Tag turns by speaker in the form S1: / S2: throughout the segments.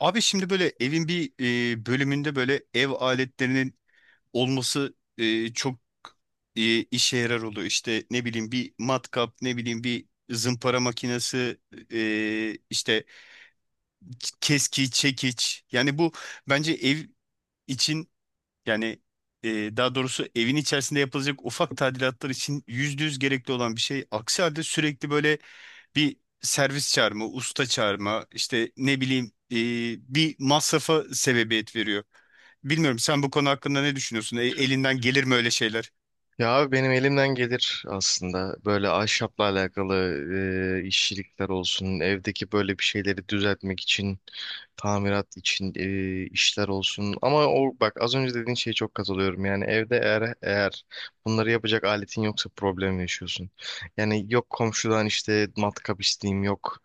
S1: Abi şimdi böyle evin bir bölümünde böyle ev aletlerinin olması çok işe yarar oluyor. İşte ne bileyim bir matkap, ne bileyim bir zımpara makinesi, işte keski, çekiç. Yani bu bence ev için yani e, daha doğrusu evin içerisinde yapılacak ufak tadilatlar için %100 gerekli olan bir şey. Aksi halde sürekli böyle bir servis çağırma, usta çağırma, işte ne bileyim bir masrafa sebebiyet veriyor. Bilmiyorum, sen bu konu hakkında ne düşünüyorsun? Elinden gelir mi öyle şeyler?
S2: Ya abi benim elimden gelir aslında böyle ahşapla alakalı işçilikler olsun, evdeki böyle bir şeyleri düzeltmek için, tamirat için işler olsun. Ama o bak az önce dediğin şeye çok katılıyorum. Yani evde eğer bunları yapacak aletin yoksa problem yaşıyorsun. Yani yok komşudan işte matkap isteyeyim, yok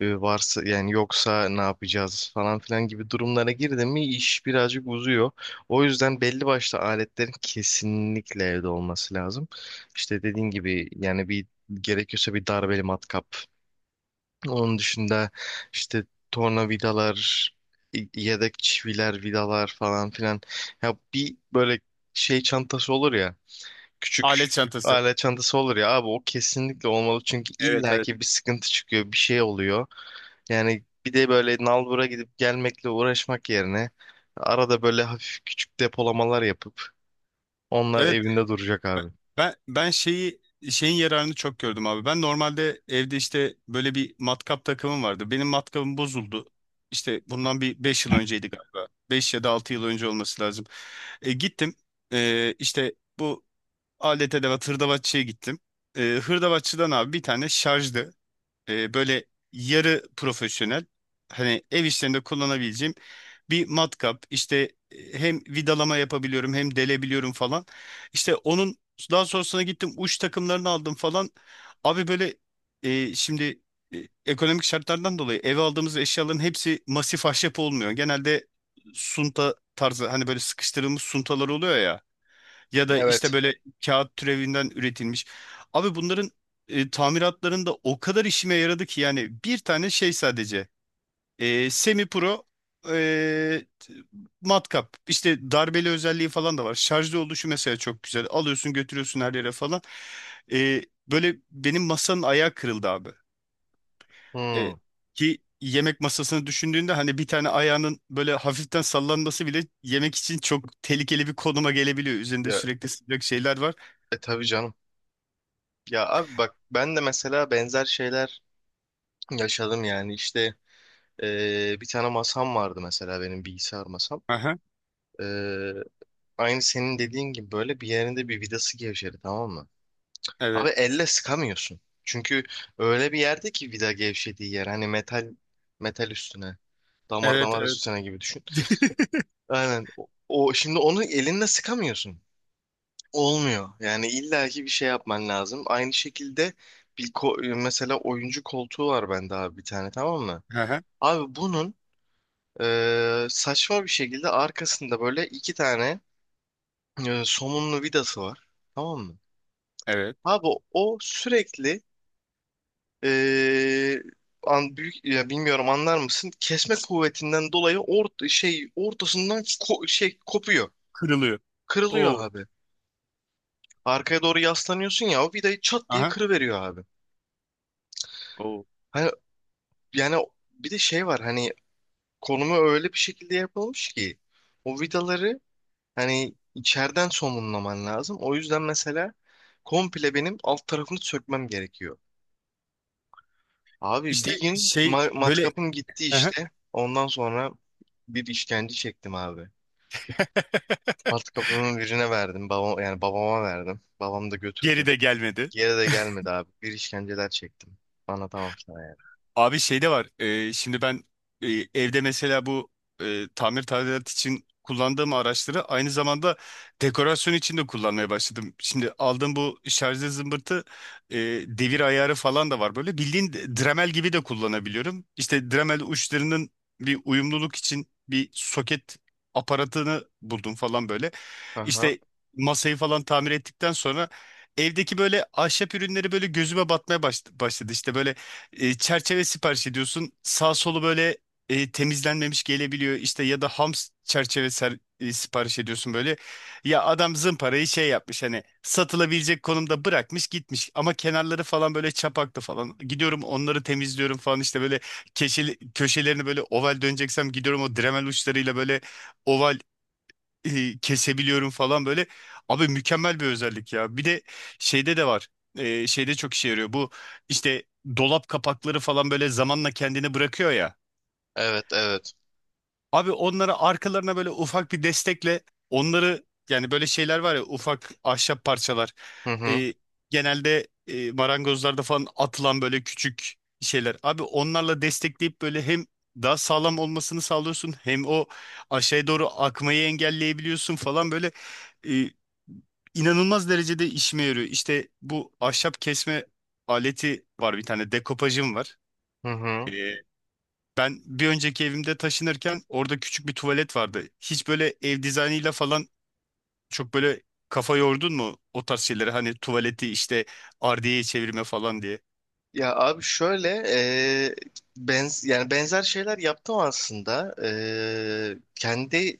S2: varsa yani yoksa ne yapacağız falan filan gibi durumlara girdin mi iş birazcık uzuyor. O yüzden belli başlı aletlerin kesinlikle evde olması lazım. İşte dediğin gibi yani bir gerekiyorsa bir darbeli matkap. Onun dışında işte tornavidalar, yedek çiviler, vidalar falan filan. Ya bir böyle şey çantası olur ya, küçük
S1: Alet çantası.
S2: alet çantası olur ya abi o kesinlikle olmalı çünkü
S1: Evet, evet.
S2: illaki bir sıkıntı çıkıyor, bir şey oluyor. Yani bir de böyle nalbura gidip gelmekle uğraşmak yerine arada böyle hafif küçük depolamalar yapıp onlar
S1: Evet,
S2: evinde duracak
S1: ben
S2: abi.
S1: ben şeyin yararını çok gördüm abi. Ben normalde evde işte böyle bir matkap takımım vardı. Benim matkabım bozuldu. İşte bundan bir 5 yıl önceydi galiba. 5 ya da 6 yıl önce olması lazım. E, gittim E, işte bu alet edevat hırdavatçıya gittim. Hırdavatçıdan abi bir tane şarjlı böyle yarı profesyonel, hani ev işlerinde kullanabileceğim bir matkap. İşte hem vidalama yapabiliyorum hem delebiliyorum falan. İşte onun daha sonrasına gittim, uç takımlarını aldım falan. Abi böyle şimdi ekonomik şartlardan dolayı eve aldığımız eşyaların hepsi masif ahşap olmuyor. Genelde sunta tarzı, hani böyle sıkıştırılmış suntalar oluyor ya. Ya da işte
S2: Evet.
S1: böyle kağıt türevinden üretilmiş. Abi bunların tamiratlarında o kadar işime yaradı ki yani bir tane şey sadece semi pro e, t- matkap, işte darbeli özelliği falan da var. Şarjlı oluşu mesela çok güzel. Alıyorsun götürüyorsun her yere falan. E, böyle benim masanın ayağı kırıldı abi.
S2: Hmm.
S1: E, ki yemek masasını düşündüğünde, hani bir tane ayağının böyle hafiften sallanması bile yemek için çok tehlikeli bir konuma gelebiliyor. Üzerinde
S2: Ya,
S1: sürekli sıcak şeyler var.
S2: tabii canım. Ya abi bak ben de mesela benzer şeyler yaşadım yani. İşte bir tane masam vardı mesela benim bilgisayar masam.
S1: Aha,
S2: E, aynı senin dediğin gibi böyle bir yerinde bir vidası gevşedi, tamam mı? Abi
S1: evet.
S2: elle sıkamıyorsun. Çünkü öyle bir yerde ki vida gevşediği yer hani metal metal üstüne damar
S1: Evet,
S2: damar
S1: evet.
S2: üstüne gibi düşün. Aynen şimdi onu elinle sıkamıyorsun. Olmuyor. Yani illaki bir şey yapman lazım. Aynı şekilde mesela oyuncu koltuğu var bende abi bir tane, tamam mı?
S1: Aha,
S2: Abi bunun saçma bir şekilde arkasında böyle iki tane somunlu vidası var. Tamam mı?
S1: evet.
S2: Abi o sürekli e, büyük ya, bilmiyorum, anlar mısın? Kesme kuvvetinden dolayı ortasından kopuyor.
S1: Kırılıyor.
S2: Kırılıyor
S1: Oo.
S2: abi. Arkaya doğru yaslanıyorsun ya, o vidayı çat diye
S1: Aha.
S2: kırıveriyor abi.
S1: Oo.
S2: Hani yani bir de şey var, hani konumu öyle bir şekilde yapılmış ki o vidaları hani içeriden somunlaman lazım. O yüzden mesela komple benim alt tarafını sökmem gerekiyor. Abi bir
S1: İşte
S2: gün
S1: şey böyle,
S2: matkapım gitti
S1: aha.
S2: işte. Ondan sonra bir işkence çektim abi. Matkapımı birine verdim. Babam, yani babama verdim. Babam da
S1: Geri
S2: götürdü.
S1: de gelmedi.
S2: Geri de gelmedi abi. Bir işkenceler çektim. Anlatamam sana yani.
S1: Abi şey de var. Şimdi ben e, evde mesela bu tamir tadilat için kullandığım araçları aynı zamanda dekorasyon için de kullanmaya başladım. Şimdi aldığım bu şarjlı zımbırtı, e, devir ayarı falan da var. Böyle bildiğin Dremel gibi de kullanabiliyorum. İşte Dremel uçlarının bir uyumluluk için bir soket aparatını buldum falan böyle.
S2: Aha.
S1: İşte masayı falan tamir ettikten sonra evdeki böyle ahşap ürünleri böyle gözüme batmaya başladı. İşte böyle çerçeve sipariş ediyorsun. Sağ solu böyle temizlenmemiş gelebiliyor. İşte ya da ham çerçeve sipariş ediyorsun böyle. Ya adam zımparayı şey yapmış, hani satılabilecek konumda bırakmış gitmiş. Ama kenarları falan böyle çapaklı falan. Gidiyorum onları temizliyorum falan, işte böyle keşeli, köşelerini böyle oval döneceksem gidiyorum o Dremel uçlarıyla böyle oval kesebiliyorum falan böyle. Abi mükemmel bir özellik ya. Bir de şeyde de var. Şeyde çok işe yarıyor. Bu işte dolap kapakları falan böyle zamanla kendini bırakıyor ya.
S2: Evet, evet.
S1: Abi onları arkalarına böyle ufak bir destekle, onları yani böyle şeyler var ya, ufak ahşap parçalar.
S2: Hı hı.
S1: Ee, genelde marangozlarda falan atılan böyle küçük şeyler. Abi onlarla destekleyip böyle hem daha sağlam olmasını sağlıyorsun hem o aşağıya doğru akmayı engelleyebiliyorsun falan böyle, e, inanılmaz derecede işime yarıyor. İşte bu ahşap kesme aleti var, bir tane dekopajım var.
S2: Hı hı.
S1: Ben bir önceki evimde taşınırken orada küçük bir tuvalet vardı. Hiç böyle ev dizaynıyla falan çok böyle kafa yordun mu o tarz şeylere? Hani tuvaleti işte ardiyeye çevirme falan diye.
S2: Ya abi şöyle e, benz yani benzer şeyler yaptım aslında. E, kendi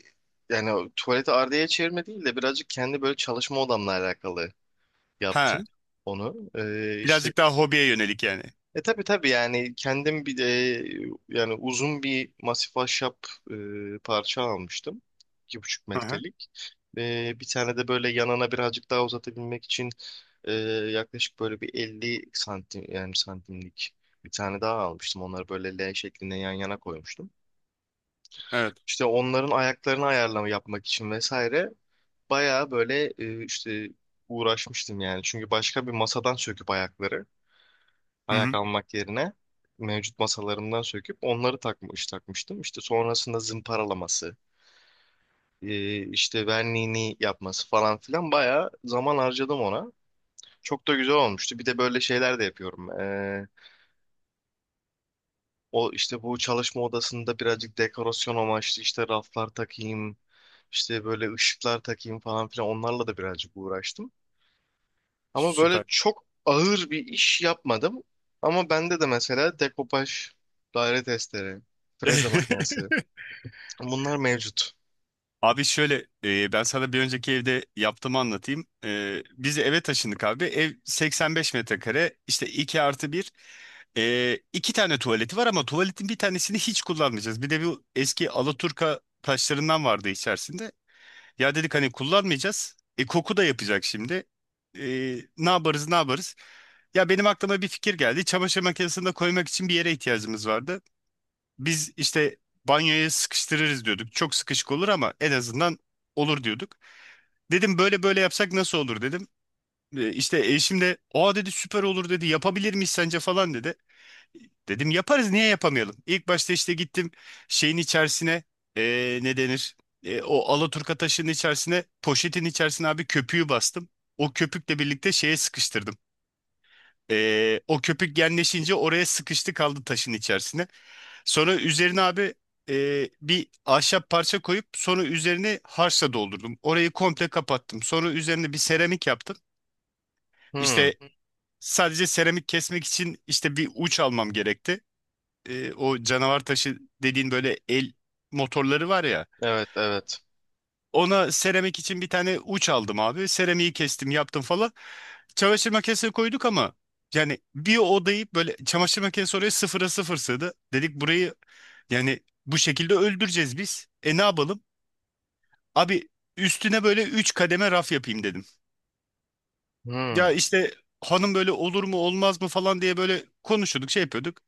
S2: yani o tuvaleti ardiyeye çevirme değil de birazcık kendi böyle çalışma odamla alakalı
S1: Ha,
S2: yaptım onu.
S1: birazcık daha hobiye yönelik yani.
S2: Tabii tabii yani kendim bir de yani uzun bir masif ahşap e, parça almıştım. iki buçuk
S1: Hı hı.
S2: metrelik. E, bir tane de böyle yanına birazcık daha uzatabilmek için e, yaklaşık böyle bir 50 santim yani santimlik bir tane daha almıştım. Onları böyle L şeklinde yan yana koymuştum.
S1: Evet.
S2: İşte onların ayaklarını ayarlama yapmak için vesaire bayağı böyle uğraşmıştım yani. Çünkü başka bir masadan söküp
S1: Hı
S2: ayak
S1: hı.
S2: almak yerine mevcut masalarımdan söküp onları takmıştım. İşte sonrasında zımparalaması, işte verniğini yapması falan filan bayağı zaman harcadım ona. Çok da güzel olmuştu. Bir de böyle şeyler de yapıyorum. E, o işte bu çalışma odasında birazcık dekorasyon amaçlı işte raflar takayım, işte böyle ışıklar takayım falan filan, onlarla da birazcık uğraştım. Ama böyle
S1: Süper.
S2: çok ağır bir iş yapmadım. Ama bende de mesela dekopaj, daire testleri, freze makinesi bunlar mevcut.
S1: Abi şöyle ben sana bir önceki evde yaptığımı anlatayım. Biz eve taşındık abi. Ev 85 metrekare, işte 2+1. E, iki tane tuvaleti var ama tuvaletin bir tanesini hiç kullanmayacağız. Bir de bu eski Alaturka taşlarından vardı içerisinde. Ya dedik hani kullanmayacağız. Koku da yapacak şimdi. E, ne yaparız ne yaparız? Ya benim aklıma bir fikir geldi. Çamaşır makinesini de koymak için bir yere ihtiyacımız vardı. Biz işte banyoya sıkıştırırız diyorduk. Çok sıkışık olur ama en azından olur diyorduk. Dedim böyle böyle yapsak nasıl olur dedim. İşte eşim de, aa dedi, süper olur dedi, yapabilir miyiz sence falan dedi. Dedim yaparız, niye yapamayalım? İlk başta işte gittim şeyin içerisine, ne denir, o alaturka taşının içerisine, poşetin içerisine abi köpüğü bastım. O köpükle birlikte şeye sıkıştırdım. O köpük genleşince oraya sıkıştı kaldı, taşın içerisine. Sonra üzerine abi bir ahşap parça koyup sonra üzerine harçla doldurdum. Orayı komple kapattım. Sonra üzerine bir seramik yaptım.
S2: Hmm,
S1: İşte sadece seramik kesmek için işte bir uç almam gerekti. O canavar taşı dediğin böyle el motorları var ya.
S2: evet evet.
S1: Ona seramik için bir tane uç aldım abi. Seramiği kestim, yaptım falan. Çamaşır makinesine koyduk ama yani bir odayı böyle, çamaşır makinesi oraya sıfıra sıfır sığdı. Dedik burayı, yani bu şekilde öldüreceğiz biz. Ne yapalım? Abi üstüne böyle 3 kademe raf yapayım dedim.
S2: Hmm,
S1: Ya işte hanım böyle olur mu olmaz mı falan diye böyle konuşuyorduk, şey yapıyorduk.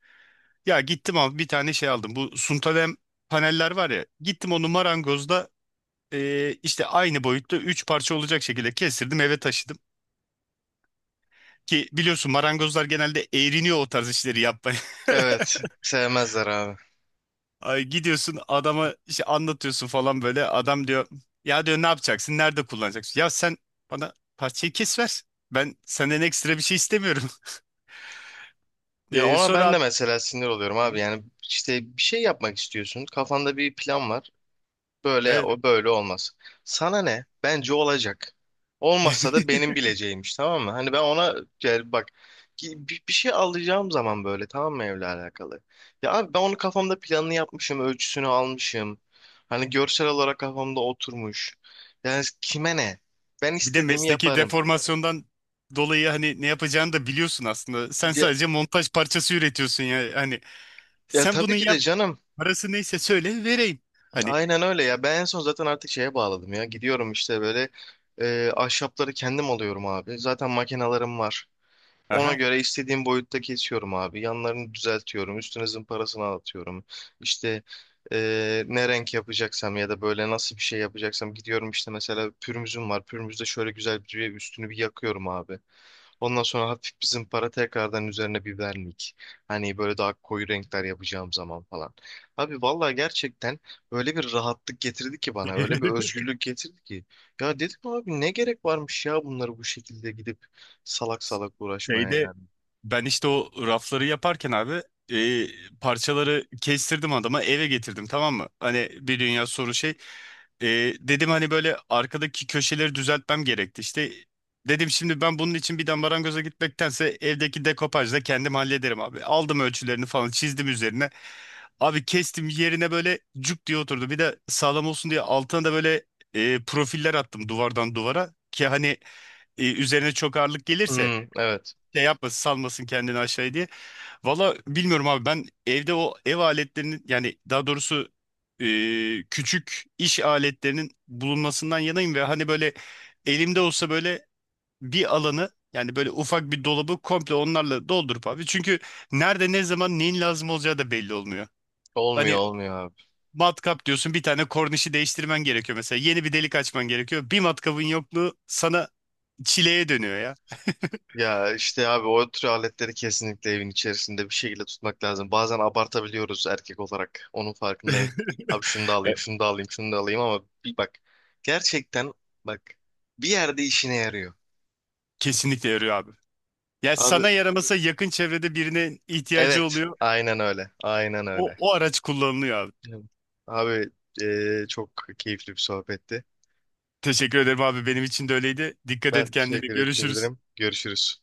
S1: Ya gittim abi bir tane şey aldım. Bu suntalem paneller var ya. Gittim onu marangozda işte aynı boyutta 3 parça olacak şekilde kestirdim, eve taşıdım. Ki biliyorsun marangozlar genelde eğriniyor o tarz işleri yapmaya.
S2: evet sevmezler abi.
S1: Ay, gidiyorsun adama işte anlatıyorsun falan böyle. Adam diyor, ya diyor, ne yapacaksın? Nerede kullanacaksın? Ya sen bana parçayı kes ver. Ben senden ekstra bir şey istemiyorum.
S2: Ya
S1: Ee,
S2: ona
S1: sonra
S2: ben de
S1: abi,
S2: mesela sinir oluyorum abi. Yani işte bir şey yapmak istiyorsun. Kafanda bir plan var. Böyle
S1: evet.
S2: o böyle olmaz. Sana ne? Bence olacak. Olmazsa da benim bileceğimmiş, tamam mı? Hani ben ona gel bak bir şey alacağım zaman böyle, tamam mı, evle alakalı? Ya abi ben onu kafamda planını yapmışım, ölçüsünü almışım. Hani görsel olarak kafamda oturmuş. Yani kime ne? Ben
S1: Bir de
S2: istediğimi
S1: mesleki
S2: yaparım.
S1: deformasyondan dolayı hani ne yapacağını da biliyorsun aslında. Sen
S2: Ya,
S1: sadece montaj parçası üretiyorsun ya. Hani
S2: ya
S1: sen bunu
S2: tabii ki de
S1: yap.
S2: canım.
S1: Parası neyse söyle vereyim. Hani,
S2: Aynen öyle ya. Ben en son zaten artık şeye bağladım ya. Gidiyorum işte böyle ahşapları kendim alıyorum abi. Zaten makinalarım var. Ona
S1: aha.
S2: göre istediğim boyutta kesiyorum abi. Yanlarını düzeltiyorum. Üstüne zımparasını atıyorum. İşte ne renk yapacaksam ya da böyle nasıl bir şey yapacaksam gidiyorum, işte mesela pürmüzüm var. Pürmüzde şöyle güzel bir üstünü bir yakıyorum abi. Ondan sonra hafif bir zımpara tekrardan üzerine biberlik. Hani böyle daha koyu renkler yapacağım zaman falan. Abi vallahi gerçekten öyle bir rahatlık getirdi ki bana. Öyle bir özgürlük getirdi ki. Ya dedim abi ne gerek varmış ya bunları bu şekilde gidip salak salak uğraşmaya.
S1: Şeyde.
S2: Yani.
S1: Ben işte o rafları yaparken abi e, parçaları kestirdim adama, eve getirdim, tamam mı? Hani bir dünya soru şey. E, dedim hani böyle arkadaki köşeleri düzeltmem gerekti. İşte dedim şimdi ben bunun için bir de marangoza gitmektense evdeki dekopajla kendim hallederim abi. Aldım ölçülerini falan, çizdim üzerine. Abi kestim, yerine böyle cuk diye oturdu. Bir de sağlam olsun diye altına da böyle profiller attım duvardan duvara. Ki hani üzerine çok ağırlık gelirse
S2: Hmm, evet.
S1: şey yapmasın, salmasın kendini aşağıya diye. Valla bilmiyorum abi, ben evde o ev aletlerinin, yani daha doğrusu e, küçük iş aletlerinin bulunmasından yanayım ve hani böyle elimde olsa böyle bir alanı, yani böyle ufak bir dolabı komple onlarla doldurup abi. Çünkü nerede, ne zaman, neyin lazım olacağı da belli olmuyor.
S2: Olmuyor,
S1: Hani
S2: olmuyor abi.
S1: matkap diyorsun, bir tane kornişi değiştirmen gerekiyor mesela. Yeni bir delik açman gerekiyor. Bir matkabın yokluğu sana çileye dönüyor ya.
S2: Ya işte abi o tür aletleri kesinlikle evin içerisinde bir şekilde tutmak lazım. Bazen abartabiliyoruz erkek olarak. Onun farkındayım. Abi şunu da alayım,
S1: Evet.
S2: şunu da alayım, şunu da alayım ama bir bak. Gerçekten bak, bir yerde işine yarıyor.
S1: Kesinlikle yarıyor abi. Ya
S2: Abi
S1: sana yaramasa yakın çevrede birine ihtiyacı
S2: evet,
S1: oluyor.
S2: aynen öyle. Aynen
S1: O,
S2: öyle.
S1: o araç kullanılıyor abi.
S2: Evet. Abi çok keyifli bir sohbetti.
S1: Teşekkür ederim abi. Benim için de öyleydi. Dikkat et
S2: Ben
S1: kendine.
S2: teşekkür
S1: Görüşürüz.
S2: ederim. Görüşürüz.